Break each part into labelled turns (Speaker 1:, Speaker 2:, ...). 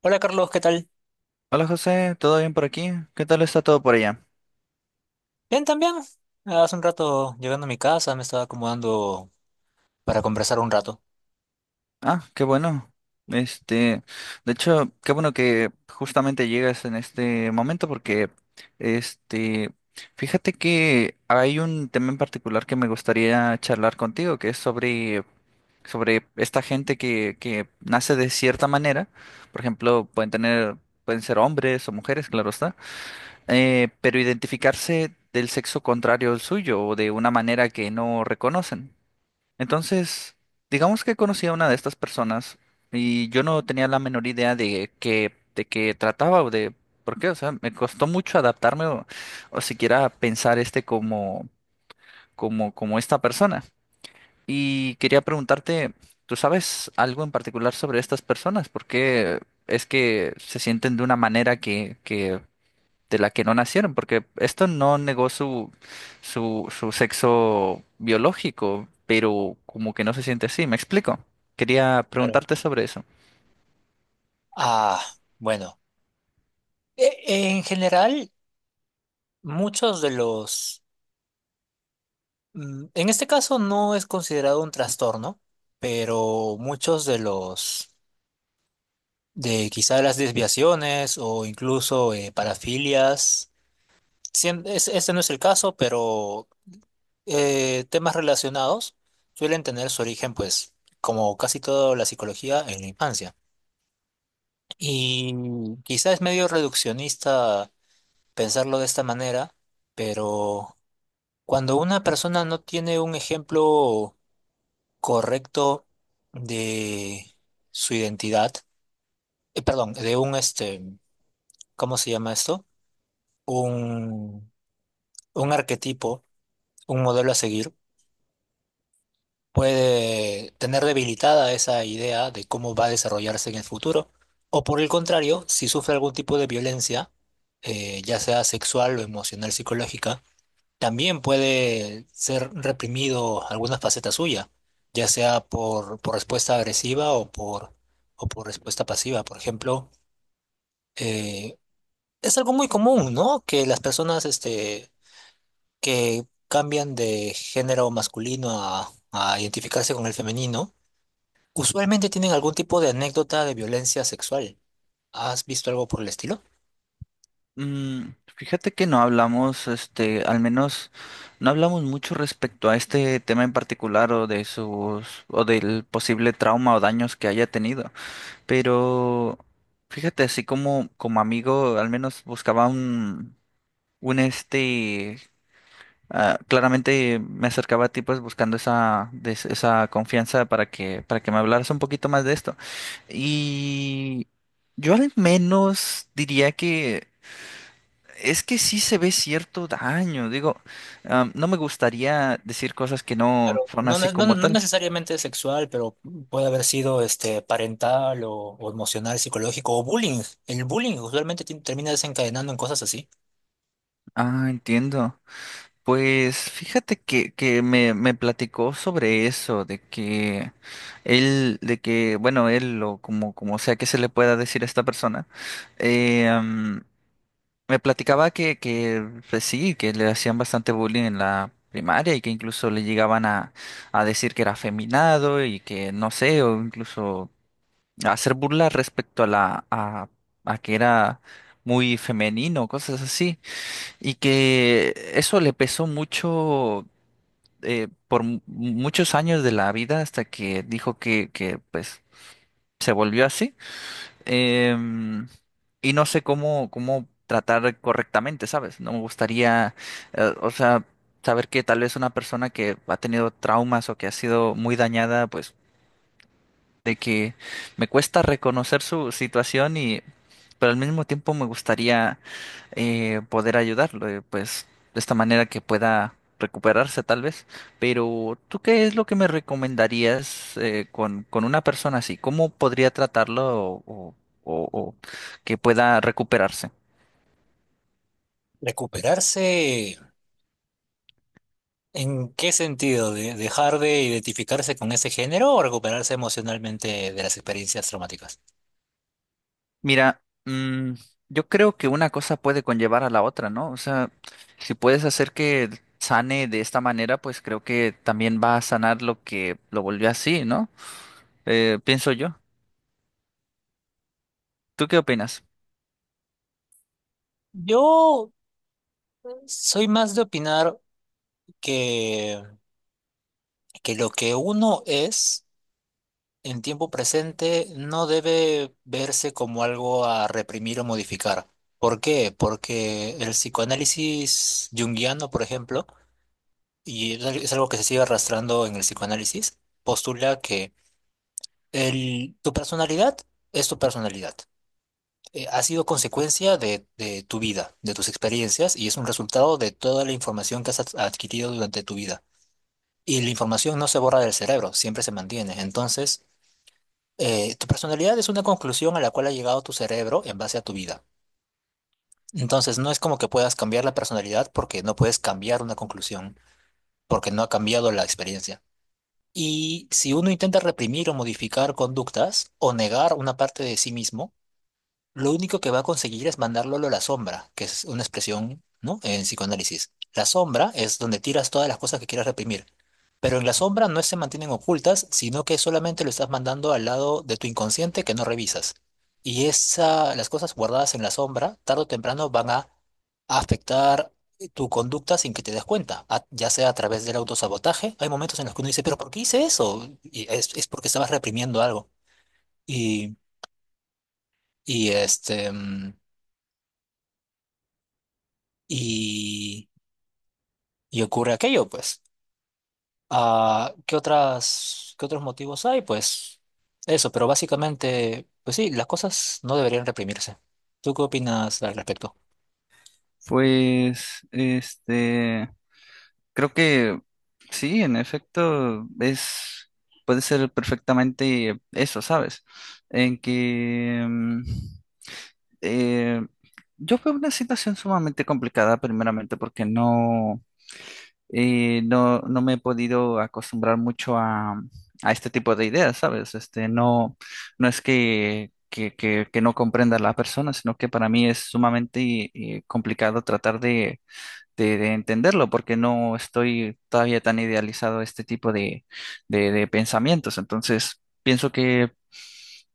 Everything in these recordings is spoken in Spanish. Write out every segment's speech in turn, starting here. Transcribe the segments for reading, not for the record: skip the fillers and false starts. Speaker 1: Hola Carlos, ¿qué tal?
Speaker 2: Hola José, ¿todo bien por aquí? ¿Qué tal está todo por allá?
Speaker 1: Bien, también. Hace un rato llegando a mi casa, me estaba acomodando para conversar un rato.
Speaker 2: Ah, qué bueno. Este, de hecho, qué bueno que justamente llegas en este momento porque, este, fíjate que hay un tema en particular que me gustaría charlar contigo, que es sobre esta gente que nace de cierta manera. Por ejemplo, pueden tener, pueden ser hombres o mujeres, claro está, pero identificarse del sexo contrario al suyo o de una manera que no reconocen. Entonces, digamos que conocí a una de estas personas y yo no tenía la menor idea de qué trataba o de por qué, o sea, me costó mucho adaptarme o siquiera pensar este como como esta persona. Y quería preguntarte, ¿tú sabes algo en particular sobre estas personas? ¿Por qué es que se sienten de una manera que de la que no nacieron, porque esto no negó su sexo biológico, pero como que no se siente así? ¿Me explico? Quería
Speaker 1: Claro.
Speaker 2: preguntarte sobre eso.
Speaker 1: Ah, bueno. En general, muchos de los... mm, en este caso no es considerado un trastorno, pero muchos de los... de quizá las desviaciones o incluso parafilias, este no es el caso, pero temas relacionados suelen tener su origen, pues, como casi toda la psicología, en la infancia. Y quizás es medio reduccionista pensarlo de esta manera, pero cuando una persona no tiene un ejemplo correcto de su identidad, perdón, ¿cómo se llama esto? Un, un arquetipo, un modelo a seguir puede tener debilitada esa idea de cómo va a desarrollarse en el futuro, o por el contrario, si sufre algún tipo de violencia, ya sea sexual o emocional, psicológica, también puede ser reprimido alguna faceta suya, ya sea por respuesta agresiva o por respuesta pasiva. Por ejemplo, eh, es algo muy común, ¿no? Que las personas que cambian de género masculino a identificarse con el femenino, usualmente tienen algún tipo de anécdota de violencia sexual. ¿Has visto algo por el estilo?
Speaker 2: Mm, fíjate que no hablamos, este, al menos no hablamos mucho respecto a este tema en particular o de sus, o del posible trauma o daños que haya tenido, pero fíjate, así como, como amigo, al menos buscaba un este. Ah, claramente me acercaba a ti pues buscando esa, esa confianza para que me hablaras un poquito más de esto. Y yo al menos diría que es que sí se ve cierto daño. Digo, no me gustaría decir cosas que no
Speaker 1: Claro,
Speaker 2: son así como
Speaker 1: no
Speaker 2: tal.
Speaker 1: necesariamente sexual, pero puede haber sido este parental o emocional, psicológico o bullying. El bullying usualmente termina desencadenando en cosas así.
Speaker 2: Ah, entiendo. Pues fíjate que me platicó sobre eso, de que él, de que, bueno, él o como, como sea que se le pueda decir a esta persona, eh, mm, me platicaba que pues sí, que le hacían bastante bullying en la primaria y que incluso le llegaban a decir que era afeminado y que no sé, o incluso hacer burla respecto a a que era muy femenino, cosas así. Y que eso le pesó mucho por muchos años de la vida hasta que dijo que pues se volvió así. Em, y no sé cómo, cómo tratar correctamente, ¿sabes? No me gustaría, o sea, saber que tal vez una persona que ha tenido traumas o que ha sido muy dañada, pues de que me cuesta reconocer su situación y, pero al mismo tiempo me gustaría poder ayudarlo, pues de esta manera que pueda recuperarse tal vez. Pero ¿tú qué es lo que me recomendarías con una persona así? ¿Cómo podría tratarlo o, o- o que pueda recuperarse?
Speaker 1: ¿Recuperarse en qué sentido? ¿Dejar de identificarse con ese género o recuperarse emocionalmente de las experiencias traumáticas?
Speaker 2: Mira, mm, yo creo que una cosa puede conllevar a la otra, ¿no? O sea, si puedes hacer que sane de esta manera, pues creo que también va a sanar lo que lo volvió así, ¿no? Pienso yo. ¿Tú qué opinas?
Speaker 1: Yo soy más de opinar que, que lo que uno es en tiempo presente no debe verse como algo a reprimir o modificar. ¿Por qué? Porque el psicoanálisis junguiano, por ejemplo, y es algo que se sigue arrastrando en el psicoanálisis, postula que tu personalidad es tu personalidad. Ha sido consecuencia de tu vida, de tus experiencias, y es un resultado de toda la información que adquirido durante tu vida. Y la información no se borra del cerebro, siempre se mantiene. Entonces, tu personalidad es una conclusión a la cual ha llegado tu cerebro en base a tu vida. Entonces, no es como que puedas cambiar la personalidad porque no puedes cambiar una conclusión, porque no ha cambiado la experiencia. Y si uno intenta reprimir o modificar conductas o negar una parte de sí mismo, lo único que va a conseguir es mandarlo a la sombra, que es una expresión, ¿no? En psicoanálisis. La sombra es donde tiras todas las cosas que quieras reprimir. Pero en la sombra no se mantienen ocultas, sino que solamente lo estás mandando al lado de tu inconsciente que no revisas. Y esa, las cosas guardadas en la sombra, tarde o temprano, van a afectar tu conducta sin que te des cuenta, ya sea a través del autosabotaje. Hay momentos en los que uno dice, pero ¿por qué hice eso? Es porque estabas reprimiendo algo. Y, y este, mm, y, y ocurre aquello, pues. Ah, ¿qué otros motivos hay? Pues eso, pero básicamente, pues sí, las cosas no deberían reprimirse. ¿Tú qué opinas al respecto?
Speaker 2: Pues, creo que sí, en efecto, es, puede ser perfectamente eso, ¿sabes? En que mm, eh, yo veo una situación sumamente complicada, primeramente, porque no, no me he podido acostumbrar mucho a este tipo de ideas, ¿sabes? Este, no, no es que no comprenda a la persona, sino que para mí es sumamente complicado tratar de de entenderlo, porque no estoy todavía tan idealizado a este tipo de, de pensamientos. Entonces, pienso que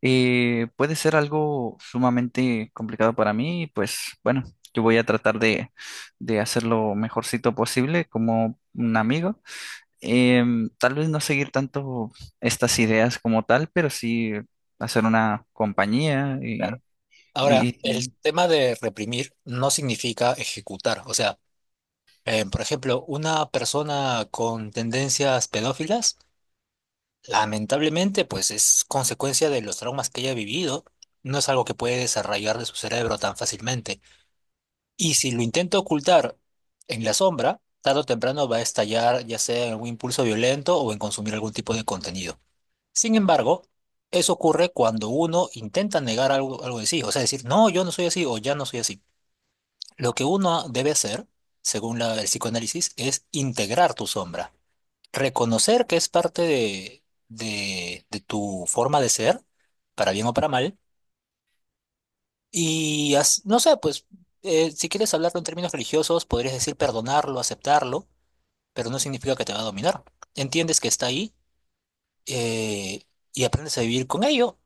Speaker 2: puede ser algo sumamente complicado para mí, y pues bueno, yo voy a tratar de hacer lo mejorcito posible como un amigo. Tal vez no seguir tanto estas ideas como tal, pero sí hacer una compañía
Speaker 1: Claro.
Speaker 2: y... y-
Speaker 1: Ahora, el
Speaker 2: y-
Speaker 1: tema de reprimir no significa ejecutar. O sea, por ejemplo, una persona con tendencias pedófilas, lamentablemente, pues es consecuencia de los traumas que haya vivido. No es algo que puede desarrollar de su cerebro tan fácilmente. Y si lo intento ocultar en la sombra, tarde o temprano va a estallar ya sea en algún impulso violento o en consumir algún tipo de contenido. Sin embargo, eso ocurre cuando uno intenta negar algo, algo de sí, o sea, decir, no, yo no soy así o ya no soy así. Lo que uno debe hacer, según el psicoanálisis, es integrar tu sombra, reconocer que es parte de, de tu forma de ser, para bien o para mal y no sé, pues si quieres hablarlo en términos religiosos, podrías decir perdonarlo, aceptarlo, pero no significa que te va a dominar. Entiendes que está ahí eh, y aprendes a vivir con ello,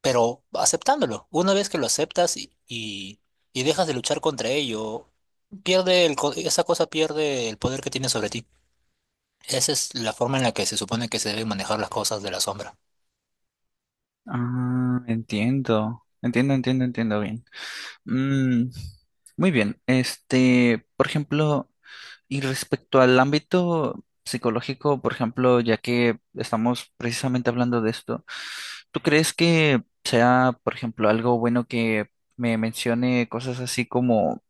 Speaker 1: pero aceptándolo. Una vez que lo aceptas y dejas de luchar contra ello, esa cosa pierde el poder que tiene sobre ti. Esa es la forma en la que se supone que se deben manejar las cosas de la sombra.
Speaker 2: ah, entiendo, entiendo, entiendo, entiendo bien. Mm, muy bien. Este, por ejemplo, y respecto al ámbito psicológico, por ejemplo, ya que estamos precisamente hablando de esto, ¿tú crees que sea, por ejemplo, algo bueno que me mencione cosas así como,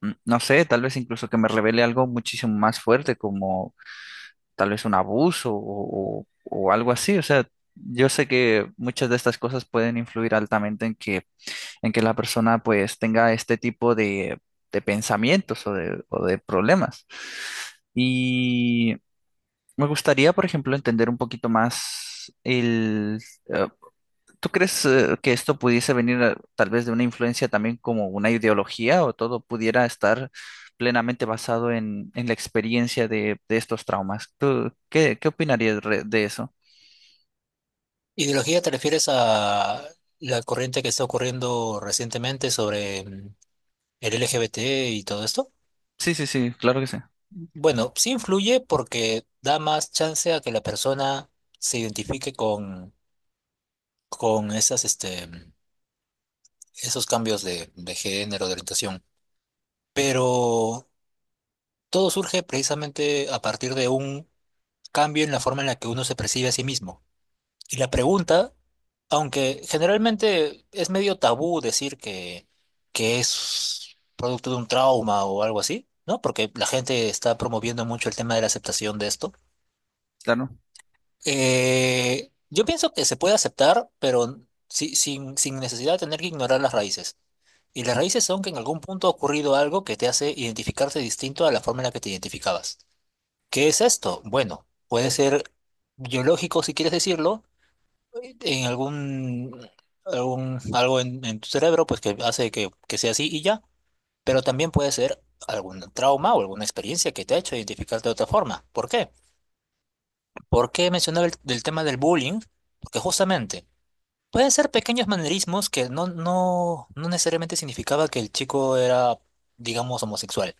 Speaker 2: mm, no sé, tal vez incluso que me revele algo muchísimo más fuerte, como tal vez un abuso o algo así? O sea, yo sé que muchas de estas cosas pueden influir altamente en que la persona pues tenga este tipo de pensamientos o de problemas. Y me gustaría, por ejemplo, entender un poquito más el... eh, ¿tú crees que esto pudiese venir tal vez de una influencia también como una ideología o todo pudiera estar plenamente basado en la experiencia de estos traumas? ¿Tú qué opinarías de eso?
Speaker 1: Ideología, ¿te refieres a la corriente que está ocurriendo recientemente sobre el LGBT y todo esto?
Speaker 2: Sí, sí, sí, claro que sí.
Speaker 1: Bueno, sí influye porque da más chance a que la persona se identifique con esas, esos cambios de género, de orientación. Pero todo surge precisamente a partir de un cambio en la forma en la que uno se percibe a sí mismo. Y la pregunta, aunque generalmente es medio tabú decir que es producto de un trauma o algo así, ¿no? Porque la gente está promoviendo mucho el tema de la aceptación de esto.
Speaker 2: Claro,
Speaker 1: Yo pienso que se puede aceptar, pero sin necesidad de tener que ignorar las raíces. Y las raíces son que en algún punto ha ocurrido algo que te hace identificarte distinto a la forma en la que te identificabas. ¿Qué es esto? Bueno, puede ser biológico, si quieres decirlo, en algún algo en tu cerebro, pues que hace que sea así y ya. Pero también puede ser algún trauma o alguna experiencia que te ha hecho identificarte de otra forma. ¿Por qué? ¿Por qué mencionaba del tema del bullying? Porque justamente pueden ser pequeños manerismos que no necesariamente significaba que el chico era, digamos, homosexual.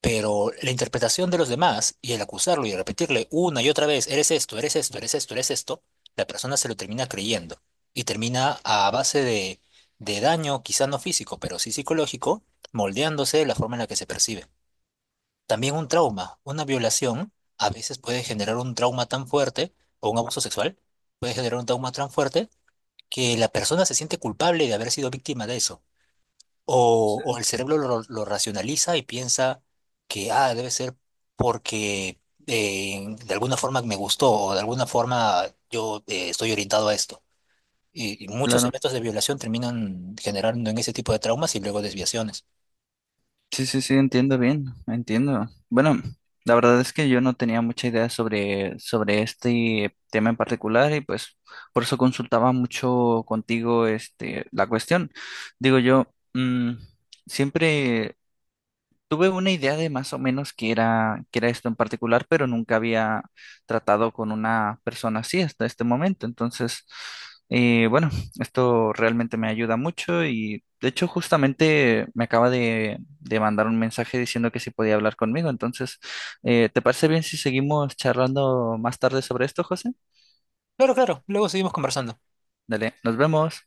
Speaker 1: Pero la interpretación de los demás y el acusarlo y repetirle una y otra vez, eres esto, eres esto, eres esto, eres esto, la persona se lo termina creyendo y termina a base de daño, quizá no físico, pero sí psicológico, moldeándose de la forma en la que se percibe. También un trauma, una violación a veces puede generar un trauma tan fuerte o un abuso sexual puede generar un trauma tan fuerte que la persona se siente culpable de haber sido víctima de eso. O el cerebro lo racionaliza y piensa que, ah, debe ser porque de alguna forma me gustó o de alguna forma yo estoy orientado a esto. Y muchos
Speaker 2: claro.
Speaker 1: eventos de violación terminan generando en ese tipo de traumas y luego desviaciones.
Speaker 2: Sí, sí, sí, entiendo bien, entiendo. Bueno, la verdad es que yo no tenía mucha idea sobre, sobre este tema en particular y pues por eso consultaba mucho contigo este, la cuestión. Digo yo, mm, siempre tuve una idea de más o menos qué era esto en particular, pero nunca había tratado con una persona así hasta este momento. Entonces, bueno, esto realmente me ayuda mucho y de hecho justamente me acaba de mandar un mensaje diciendo que si podía hablar conmigo. Entonces, ¿te parece bien si seguimos charlando más tarde sobre esto, José?
Speaker 1: Claro, claro, luego seguimos conversando.
Speaker 2: Dale, nos vemos.